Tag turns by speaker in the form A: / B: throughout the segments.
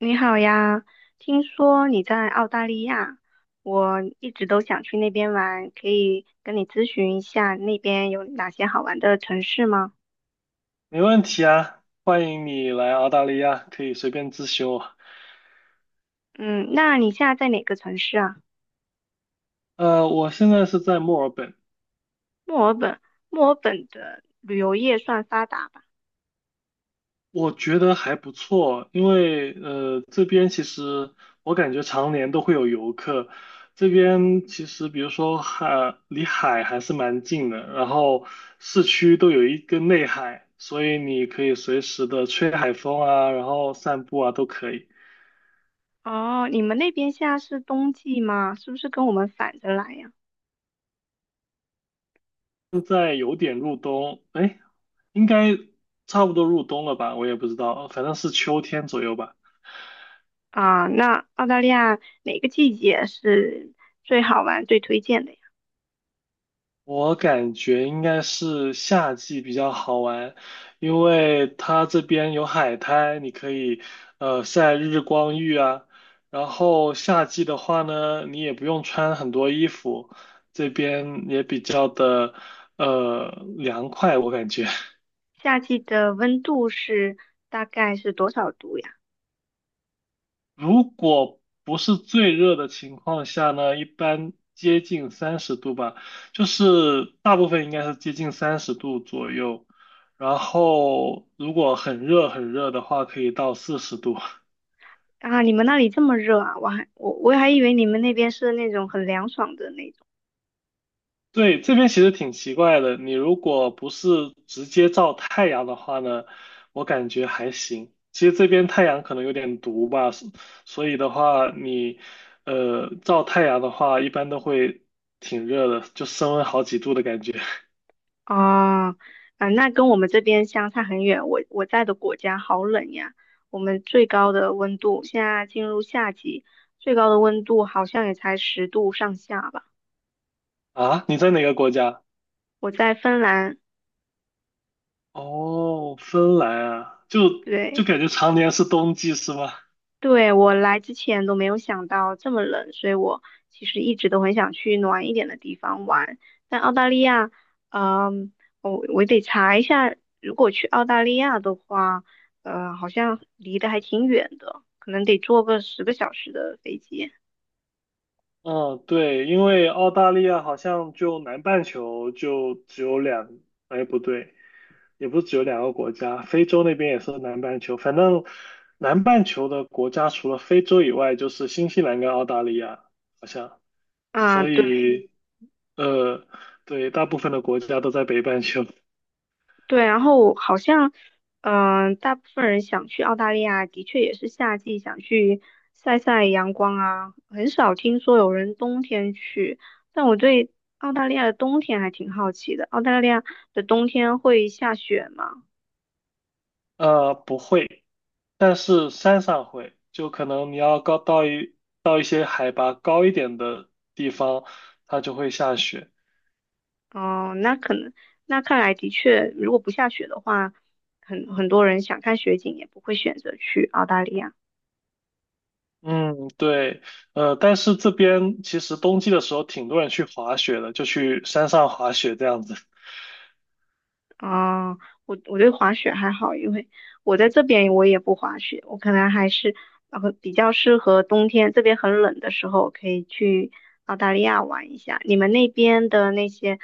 A: 你好呀，听说你在澳大利亚，我一直都想去那边玩，可以跟你咨询一下那边有哪些好玩的城市吗？
B: 没问题啊，欢迎你来澳大利亚，可以随便咨询我。
A: 嗯，那你现在在哪个城市啊？
B: 我现在是在墨尔本。
A: 墨尔本，墨尔本的旅游业算发达吧？
B: 我觉得还不错，因为这边其实我感觉常年都会有游客，这边其实比如说海离海还是蛮近的，然后市区都有一个内海，所以你可以随时的吹海风啊，然后散步啊都可以。
A: 哦，你们那边现在是冬季吗？是不是跟我们反着来呀？
B: 现在有点入冬，哎，应该差不多入冬了吧？我也不知道，反正是秋天左右吧。
A: 啊，那澳大利亚哪个季节是最好玩、最推荐的呀？
B: 我感觉应该是夏季比较好玩，因为它这边有海滩，你可以晒日光浴啊。然后夏季的话呢，你也不用穿很多衣服，这边也比较的呃凉快，我感觉。
A: 夏季的温度是大概是多少度呀？
B: 如果不是最热的情况下呢，一般接近三十度吧，就是大部分应该是接近三十度左右。然后如果很热很热的话，可以到40度。
A: 啊，你们那里这么热啊？我还以为你们那边是那种很凉爽的那种。
B: 对，这边其实挺奇怪的。你如果不是直接照太阳的话呢，我感觉还行。其实这边太阳可能有点毒吧，所以的话，你照太阳的话，一般都会挺热的，就升温好几度的感觉。
A: 哦，啊，那跟我们这边相差很远。我在的国家好冷呀，我们最高的温度现在进入夏季，最高的温度好像也才10度上下吧。
B: 啊，你在哪个国家？
A: 我在芬兰，
B: 哦，芬兰啊，就
A: 对。
B: 感觉常年是冬季是吗？
A: 对，我来之前都没有想到这么冷，所以我其实一直都很想去暖一点的地方玩。但澳大利亚，嗯，我得查一下，如果去澳大利亚的话，好像离得还挺远的，可能得坐个10个小时的飞机。
B: 嗯，对，因为澳大利亚好像就南半球就只有两，哎，不对。也不是只有两个国家，非洲那边也是南半球。反正南半球的国家除了非洲以外，就是新西兰跟澳大利亚，好像。
A: 啊，
B: 所
A: 对。
B: 以，呃，对，大部分的国家都在北半球。
A: 对，然后好像，大部分人想去澳大利亚，的确也是夏季想去晒晒阳光啊，很少听说有人冬天去。但我对澳大利亚的冬天还挺好奇的，澳大利亚的冬天会下雪吗？
B: 不会，但是山上会，就可能你要高到一些海拔高一点的地方，它就会下雪。
A: 哦、那可能，那看来的确，如果不下雪的话，很多人想看雪景也不会选择去澳大利亚。
B: 嗯，对。但是这边其实冬季的时候，挺多人去滑雪的，就去山上滑雪这样子。
A: 啊，我对滑雪还好，因为我在这边我也不滑雪，我可能还是比较适合冬天，这边很冷的时候可以去澳大利亚玩一下。你们那边的那些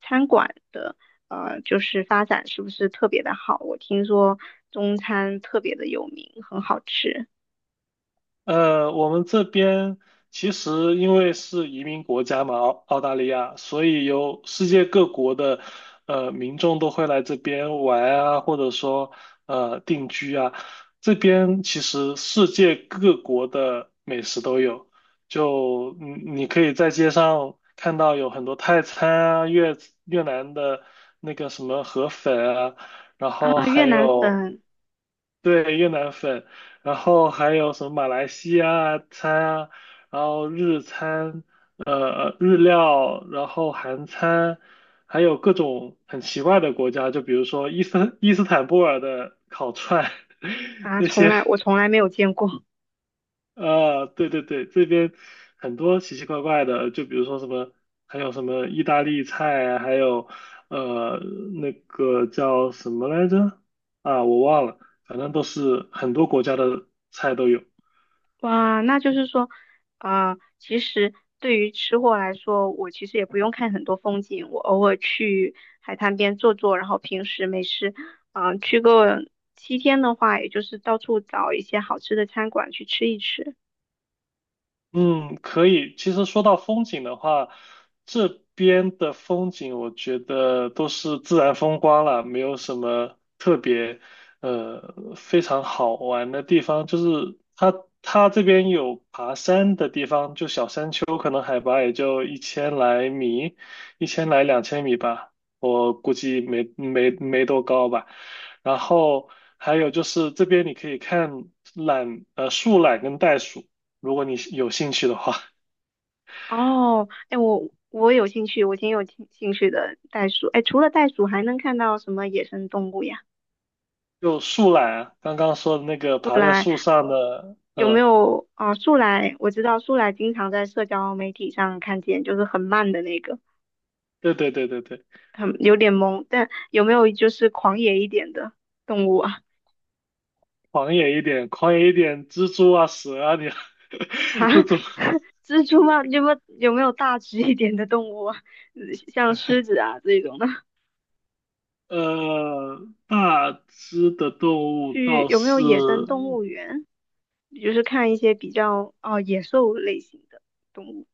A: 餐馆的就是发展是不是特别的好？我听说中餐特别的有名，很好吃
B: 我们这边其实因为是移民国家嘛，澳大利亚，所以有世界各国的民众都会来这边玩啊，或者说定居啊。这边其实世界各国的美食都有，就你可以在街上看到有很多泰餐啊、越南的那个什么河粉啊，然后
A: 啊，越
B: 还
A: 南
B: 有。
A: 粉
B: 对，越南粉，然后还有什么马来西亚餐啊，然后日餐，日料，然后韩餐，还有各种很奇怪的国家，就比如说伊斯坦布尔的烤串，
A: 啊，
B: 那些，
A: 我从来没有见过。
B: 对对对，这边很多奇奇怪怪的，就比如说什么，还有什么意大利菜啊，还有呃那个叫什么来着？啊，我忘了，反正都是很多国家的菜都有。
A: 哇，那就是说，啊，其实对于吃货来说，我其实也不用看很多风景，我偶尔去海滩边坐坐，然后平时没事，去个7天的话，也就是到处找一些好吃的餐馆去吃一吃。
B: 嗯，可以。其实说到风景的话，这边的风景我觉得都是自然风光啦，没有什么特别非常好玩的地方。就是它这边有爬山的地方，就小山丘，可能海拔也就一千来米，一千来两千米吧，我估计没多高吧。然后还有就是这边你可以看树懒跟袋鼠。如果你是有兴趣的话，
A: 哦，哎，我有兴趣，我挺有兴趣的袋鼠。哎，除了袋鼠，还能看到什么野生动物呀？
B: 就树懒，啊，刚刚说的那个爬在树上的，
A: 有没
B: 嗯，
A: 有啊、树懒，我知道树懒经常在社交媒体上看见，就是很慢的那个。
B: 对对对对对，
A: 很有点懵，但有没有就是狂野一点的动物啊？
B: 狂野一点，狂野一点，蜘蛛啊、蛇啊，你
A: 哈，
B: 这种，
A: 蜘蛛吗？有没有大只一点的动物啊？嗯像狮子啊这种的，
B: 呃，大只的动物
A: 去
B: 倒
A: 有没有
B: 是
A: 野生动物园？就是看一些比较哦野兽类型的动物，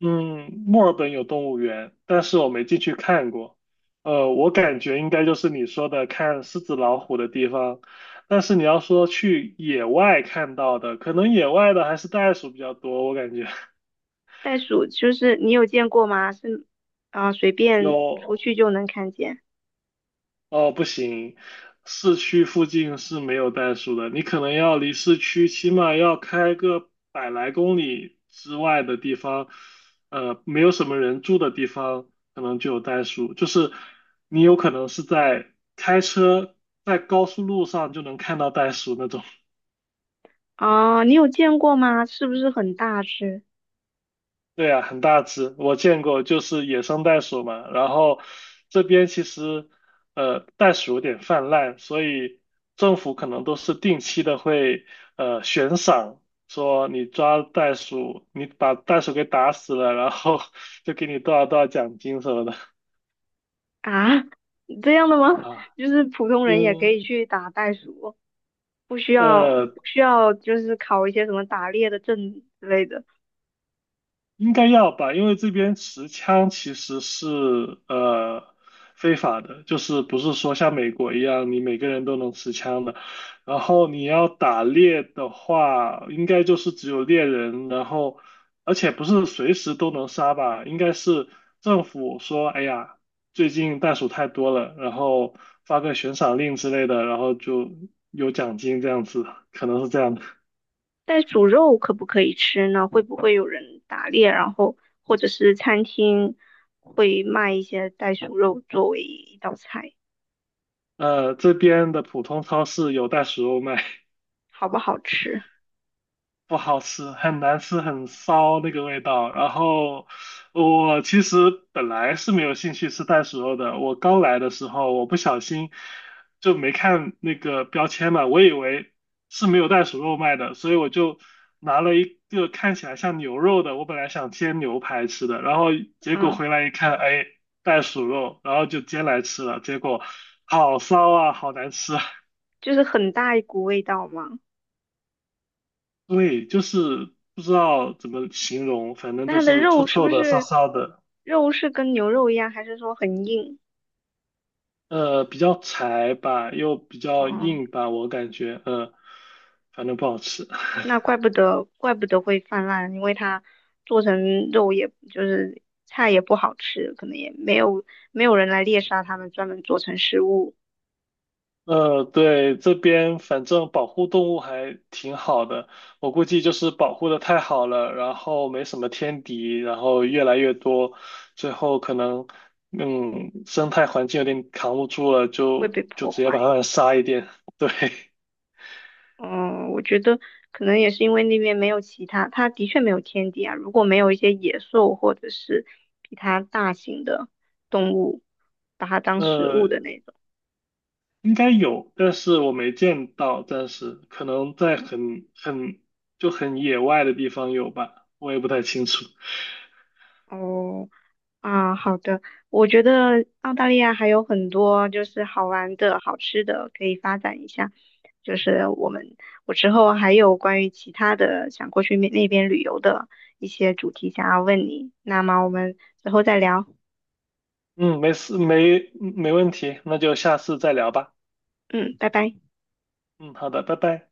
B: 嗯，墨尔本有动物园，但是我没进去看过。我感觉应该就是你说的看狮子、老虎的地方。但是你要说去野外看到的，可能野外的还是袋鼠比较多，我感觉
A: 袋鼠就是你有见过吗？是啊，随便出
B: 有
A: 去就能看见
B: 哦，不行，市区附近是没有袋鼠的，你可能要离市区起码要开个百来公里之外的地方，没有什么人住的地方，可能就有袋鼠。就是你有可能是在开车在高速路上就能看到袋鼠那种。
A: 啊，你有见过吗？是不是很大只
B: 对啊，很大只，我见过，就是野生袋鼠嘛。然后这边其实，袋鼠有点泛滥，所以政府可能都是定期的会，悬赏，说你抓袋鼠，你把袋鼠给打死了，然后 就给你多少多少奖金什么的
A: 啊？这样的吗？
B: 啊。
A: 就是普通人也可
B: 因
A: 以去打袋鼠。不需要
B: 呃，
A: 不需要就是考一些什么打猎的证之类的。
B: 应该要吧，因为这边持枪其实是非法的，就是不是说像美国一样你每个人都能持枪的。然后你要打猎的话，应该就是只有猎人，然后而且不是随时都能杀吧，应该是政府说，哎呀，最近袋鼠太多了，然后发个悬赏令之类的，然后就有奖金这样子，可能是这样的。
A: 袋鼠肉可不可以吃呢？会不会有人打猎，然后或者是餐厅会卖一些袋鼠肉作为一道菜，
B: 这边的普通超市有袋鼠肉卖。
A: 好不好吃？
B: 不好吃，很难吃，很骚那个味道。然后我其实本来是没有兴趣吃袋鼠肉的，我刚来的时候我不小心就没看那个标签嘛，我以为是没有袋鼠肉卖的，所以我就拿了一个看起来像牛肉的，我本来想煎牛排吃的，然后结果
A: 嗯，
B: 回来一看，哎，袋鼠肉，然后就煎来吃了，结果好骚啊，好难吃啊。
A: 就是很大一股味道嘛。
B: 对，就是不知道怎么形容，反正
A: 那
B: 就
A: 它的
B: 是臭
A: 肉是
B: 臭
A: 不
B: 的、骚
A: 是
B: 骚的。
A: 肉是跟牛肉一样，还是说很硬？
B: 比较柴吧，又比较
A: 哦、
B: 硬吧，我感觉，反正不好吃。
A: 那怪不得，怪不得会泛滥，因为它做成肉也，就是菜也不好吃，可能也没有没有人来猎杀它们，专门做成食物
B: 对，这边反正保护动物还挺好的，我估计就是保护的太好了，然后没什么天敌，然后越来越多，最后可能，生态环境有点扛不住了，
A: 会
B: 就
A: 被
B: 就
A: 破
B: 直接
A: 坏。
B: 把它们杀一点，对。
A: 嗯，我觉得可能也是因为那边没有其他，它的确没有天敌啊。如果没有一些野兽或者是比它大型的动物，把它当食
B: 呃，
A: 物的那种。
B: 应该有，但是我没见到，暂时可能在很野外的地方有吧，我也不太清楚。
A: 哦，啊，好的，我觉得澳大利亚还有很多就是好玩的、好吃的可以发展一下。就是我们，我之后还有关于其他的想过去那边旅游的一些主题想要问你，那么我们之后再聊。
B: 嗯，没事，没问题，那就下次再聊吧。
A: 嗯，拜拜。
B: 嗯，好的，拜拜。